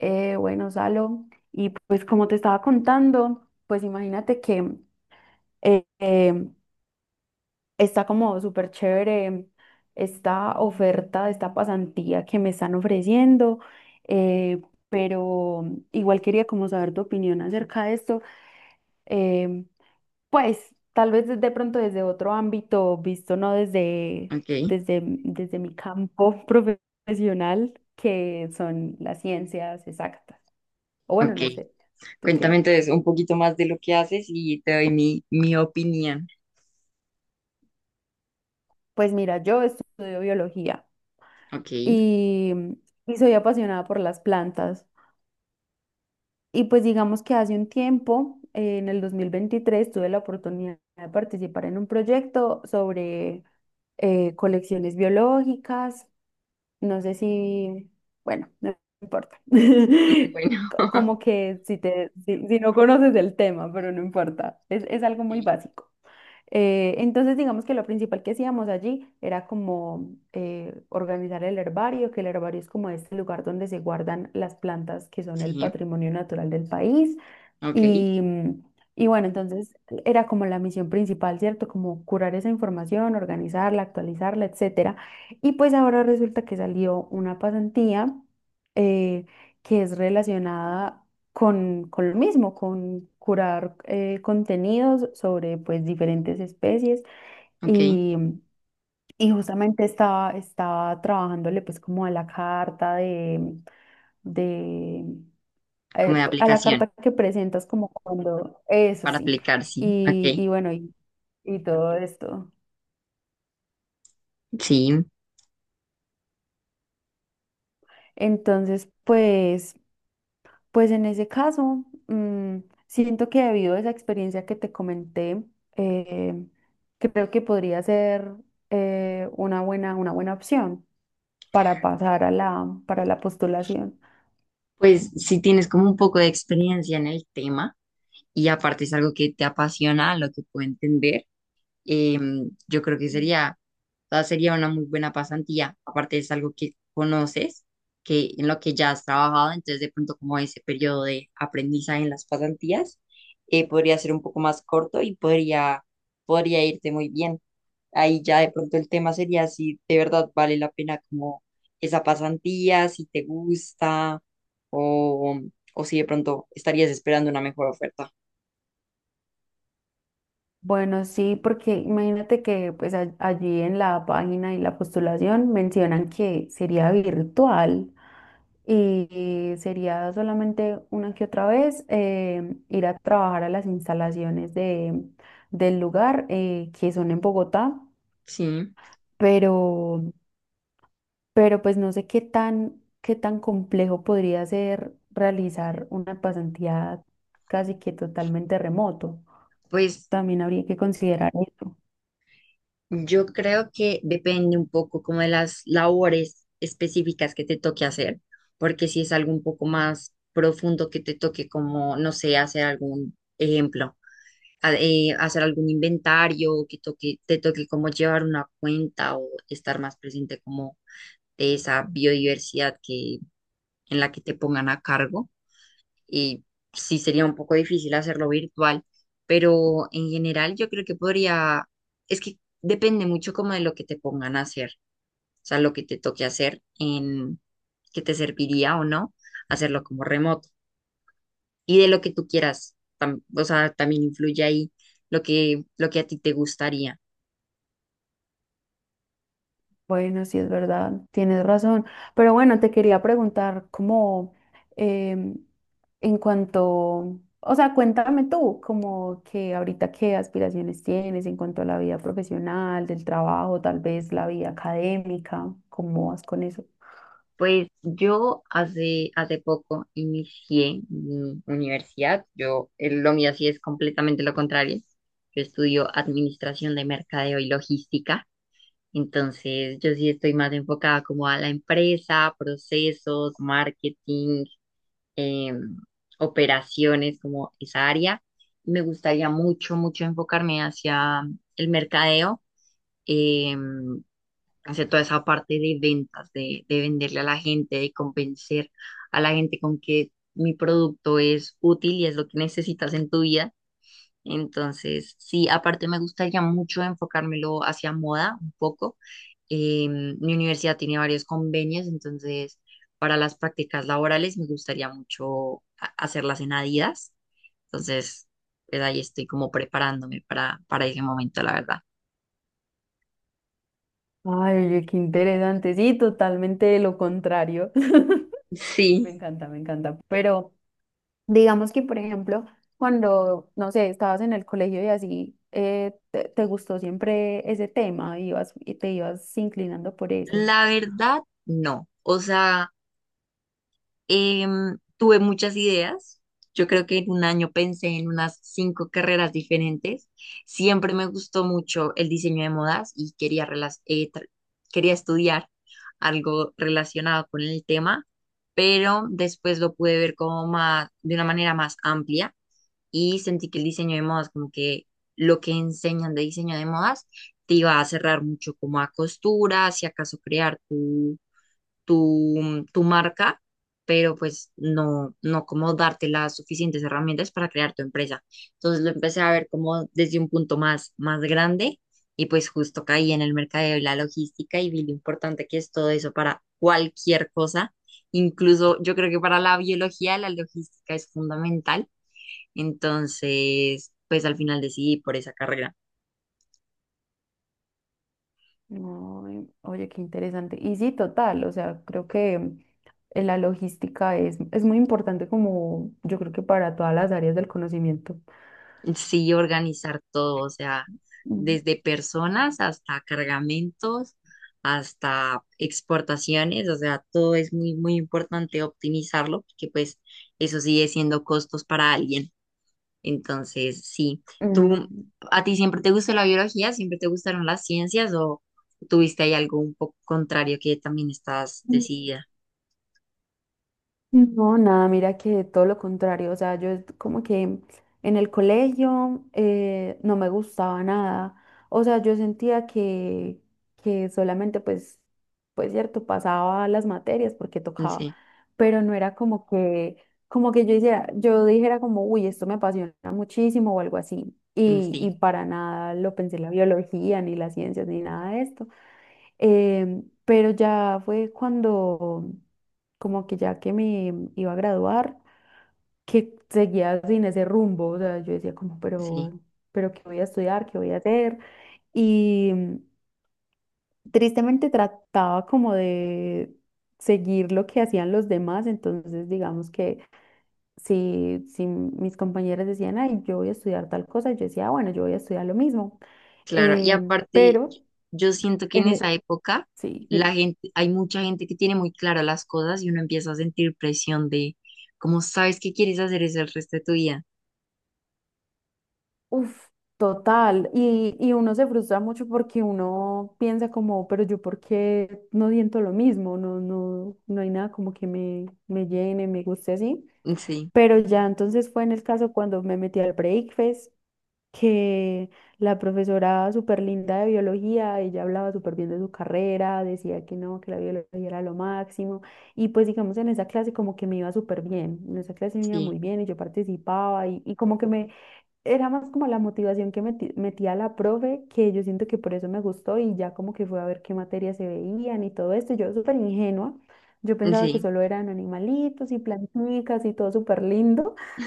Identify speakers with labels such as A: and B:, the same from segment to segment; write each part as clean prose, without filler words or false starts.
A: Bueno, Salo, y pues como te estaba contando, pues imagínate que eh, eh, está como súper chévere esta oferta de esta pasantía que me están ofreciendo, eh, pero igual quería como saber tu opinión acerca de esto, eh, pues tal vez de pronto desde otro ámbito, visto no desde,
B: Ok,
A: desde, desde mi campo profesional, que son las ciencias exactas. O bueno,
B: ok.
A: no sé, ¿tú
B: Cuéntame
A: qué?
B: entonces un poquito más de lo que haces y te doy mi opinión.
A: Pues mira, yo estudio biología
B: Ok,
A: y, y soy apasionada por las plantas. Y pues digamos que hace un tiempo, en el 2023, tuve la oportunidad de participar en un proyecto sobre colecciones biológicas. No sé si, bueno, no importa.
B: bueno,
A: Como que si te, si, si no conoces el tema, pero no importa. Es algo muy
B: ok,
A: básico. Entonces, digamos que lo principal que hacíamos allí era como organizar el herbario, que el herbario es como este lugar donde se guardan las plantas que son el
B: sí,
A: patrimonio natural del país.
B: ok,
A: Y, y bueno, entonces era como la misión principal, ¿cierto? Como curar esa información, organizarla, actualizarla, etcétera. Y pues ahora resulta que salió una pasantía eh, que es relacionada con lo mismo, con curar contenidos sobre pues diferentes especies
B: ok.
A: y, y justamente estaba trabajándole pues como a la carta de
B: Como de
A: a la
B: aplicación,
A: carta que presentas como cuando, eso
B: para
A: sí,
B: aplicar, sí, ok,
A: y bueno, y todo esto.
B: sí.
A: Entonces, pues, pues en ese caso, siento que debido a esa experiencia que te comenté, eh, creo que podría ser una buena opción para pasar a para la postulación.
B: Pues si tienes como un poco de experiencia en el tema y aparte es algo que te apasiona, lo que puedo entender. eh, yo creo que sería, o sea, sería una muy buena pasantía. Aparte es algo que conoces, que en lo que ya has trabajado, entonces de pronto como ese periodo de aprendizaje en las pasantías podría ser un poco más corto y podría, podría irte muy bien. Ahí ya de pronto el tema sería si de verdad vale la pena como esa pasantía, si te gusta o, o si de pronto estarías esperando una mejor oferta.
A: Bueno, sí, porque imagínate que pues allí en la página y la postulación mencionan que sería virtual. Y sería solamente una que otra vez ir a trabajar a las instalaciones de, del lugar que son en Bogotá,
B: Sí,
A: pero, pero pues no sé qué tan complejo podría ser realizar una pasantía casi que totalmente remoto.
B: pues
A: También habría que considerar eso.
B: yo creo que depende un poco como de las labores específicas que te toque hacer, porque si es algo un poco más profundo que te toque como, no sé, hacer algún ejemplo, hacer algún inventario, que toque, te toque como llevar una cuenta o estar más presente como de esa biodiversidad que, en la que te pongan a cargo y sí sería un poco difícil hacerlo virtual, pero en general yo creo que podría, es que depende mucho como de lo que te pongan a hacer, o sea, lo que te toque hacer en que te serviría o no hacerlo como remoto y de lo que tú quieras, tam- o sea, también influye ahí lo que a ti te gustaría.
A: Bueno, sí es verdad, tienes razón. Pero bueno, te quería preguntar cómo, em, en cuanto, o sea, cuéntame tú, como que ahorita qué aspiraciones tienes en cuanto a la vida profesional, del trabajo, tal vez la vida académica, ¿cómo vas con eso?
B: Pues yo hace, hace poco inicié mi universidad. Yo, lo mío sí es completamente lo contrario. Yo estudio administración de mercadeo y logística. Entonces, yo sí estoy más enfocada como a la empresa, procesos, marketing, em, operaciones, como esa área. Me gustaría mucho, mucho enfocarme hacia el mercadeo, em, hacia toda esa parte de ventas, de venderle a la gente, de convencer a la gente con que mi producto es útil y es lo que necesitas en tu vida. Entonces, sí, aparte me gustaría mucho enfocármelo hacia moda un poco. Mi universidad tiene varios convenios, entonces para las prácticas laborales me gustaría mucho hacerlas en Adidas. Entonces, pues ahí estoy como preparándome para ese momento, la verdad.
A: Ay, oye, qué interesante, sí, totalmente lo contrario. Me
B: Sí.
A: encanta, me encanta. Pero digamos que, por ejemplo, cuando, no sé, estabas en el colegio y así, te gustó siempre ese tema, ibas, y te ibas inclinando por eso.
B: La verdad, no. O sea... tuve muchas ideas. Yo creo que en un año pensé en unas 5 carreras diferentes. Siempre me gustó mucho el diseño de modas y quería, quería estudiar algo relacionado con el tema, pero después lo pude ver como más, de una manera más amplia y sentí que el diseño de modas, como que lo que enseñan de diseño de modas, te iba a cerrar mucho como a costura, si acaso crear tu marca, pero pues no, no como darte las suficientes herramientas para crear tu empresa. Entonces lo empecé a ver como desde un punto más, más grande y pues justo caí en el mercadeo y la logística y vi lo importante que es todo eso para cualquier cosa. Incluso yo creo que para la biología la logística es fundamental. Entonces, pues al final decidí por esa carrera.
A: Ay, oye, qué interesante. Y sí, total, o sea, creo que la logística es muy importante como yo creo que para todas las áreas del conocimiento.
B: Sí, organizar todo, o sea,
A: Mm,
B: desde personas hasta cargamentos, hasta exportaciones, o sea, todo es muy, muy importante optimizarlo, porque pues eso sigue siendo costos para alguien. Entonces, sí, ¿tú,
A: mm.
B: a ti siempre te gustó la biología, siempre te gustaron las ciencias o tuviste ahí algo un poco contrario que también estás
A: Mm.
B: decidida?
A: No, nada, mira que todo lo contrario, o sea, yo es como que en el colegio no me gustaba nada, o sea, yo sentía que solamente pues, pues cierto, pasaba las materias porque tocaba,
B: Sí,
A: pero no era como que yo hiciera, yo dijera como, uy, esto me apasiona muchísimo o algo así,
B: sí,
A: y para nada lo pensé la biología, ni las ciencias, ni nada de esto. Pero ya fue cuando, como que ya que me iba a graduar, que seguía sin ese rumbo. O sea, yo decía como,
B: sí.
A: pero ¿qué voy a estudiar? ¿Qué voy a hacer? Y tristemente trataba como de seguir lo que hacían los demás. Entonces, digamos que si, si mis compañeras decían, ay, yo voy a estudiar tal cosa, yo decía, "Ah, bueno, yo voy a estudiar lo mismo".
B: Claro, y
A: Em,
B: aparte,
A: pero,
B: yo siento que en
A: en e-
B: esa época
A: sí.
B: la gente, hay mucha gente que tiene muy claras las cosas y uno empieza a sentir presión de cómo sabes que quieres hacer eso el resto de tu vida.
A: Uf, total. Y uno se frustra mucho porque uno piensa como, pero yo por qué no siento lo mismo, no, no, no hay nada como que me llene, me guste así.
B: Sí,
A: Pero ya entonces fue en el caso cuando me metí al Breakfast, que la profesora súper linda de biología, ella hablaba súper bien de su carrera, decía que no, que la biología era lo máximo. Y pues digamos en esa clase como que me iba súper bien, en esa clase me iba
B: sí,
A: muy bien y yo participaba y como que me era más como la motivación que metía la profe, que yo siento que por eso me gustó y ya como que fue a ver qué materias se veían y todo esto. Yo súper ingenua, yo pensaba que
B: sí,
A: solo eran animalitos y plantitas y todo súper lindo.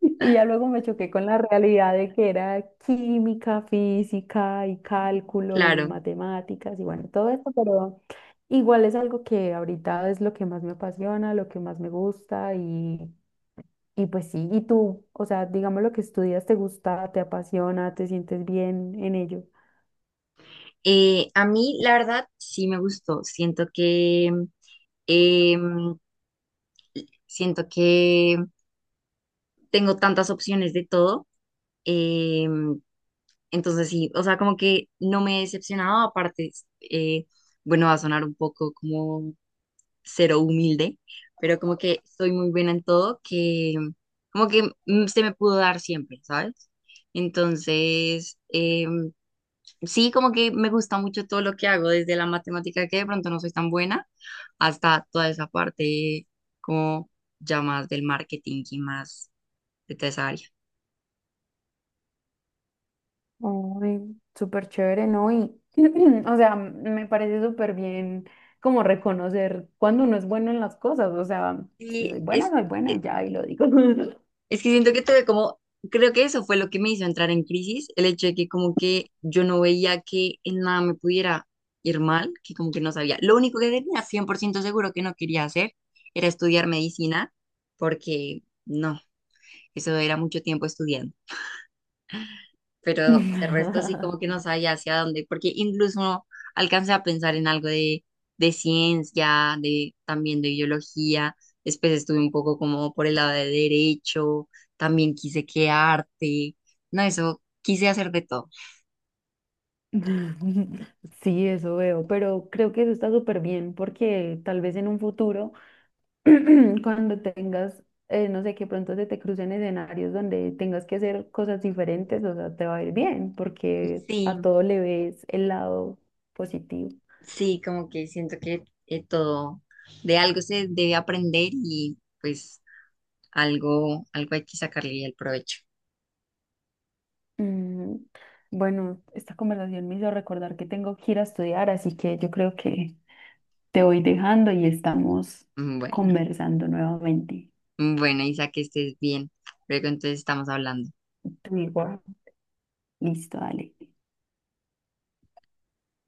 A: Y ya luego me choqué con la realidad de que era química, física y cálculo y
B: claro.
A: matemáticas y bueno, todo esto, pero igual es algo que ahorita es lo que más me apasiona, lo que más me gusta y pues sí, ¿y tú? O sea, digamos lo que estudias, ¿te gusta, te apasiona, te sientes bien en ello?
B: A mí, la verdad, sí me gustó. Siento que em, siento que tengo tantas opciones de todo. em, Entonces sí, o sea, como que no me he decepcionado, aparte, eh, bueno, va a sonar un poco como cero humilde, pero como que soy muy buena en todo, que como que se me pudo dar siempre, ¿sabes? Entonces, sí, como que me gusta mucho todo lo que hago, desde la matemática que de pronto no soy tan buena, hasta toda esa parte como ya más del marketing y más de toda esa área.
A: Ay, súper chévere, ¿no? Y, o sea, me parece súper bien como reconocer cuando uno es bueno en las cosas, o sea, si
B: Y
A: soy buena,
B: es,
A: soy buena, y ya, y lo digo.
B: Es que siento que tuve como, creo que eso fue lo que me hizo entrar en crisis, el hecho de que como que yo no veía que en nada me pudiera ir mal, que como que no sabía. Lo único que tenía 100% seguro que no quería hacer era estudiar medicina, porque no, eso era mucho tiempo estudiando pero de resto sí como que no sabía hacia dónde, porque incluso no alcancé a pensar en algo de ciencia, de también de biología, después estuve un poco como por el lado de derecho, también quise que arte, no, eso, quise hacer de todo.
A: Sí, eso veo, pero creo que eso está súper bien porque tal vez en un futuro cuando tengas, no sé, que pronto se te crucen escenarios donde tengas que hacer cosas diferentes, o sea, te va a ir bien, porque
B: Sí,
A: a todo le ves el lado positivo.
B: sí, como que siento que todo, de algo se debe aprender y pues algo, algo hay que sacarle el provecho.
A: Mm, bueno, esta conversación me hizo recordar que tengo que ir a estudiar, así que yo creo que te voy dejando y estamos
B: Bueno,
A: conversando nuevamente.
B: bueno, Isa, que estés bien. Luego entonces estamos hablando.
A: Tú igual. Listo, dale.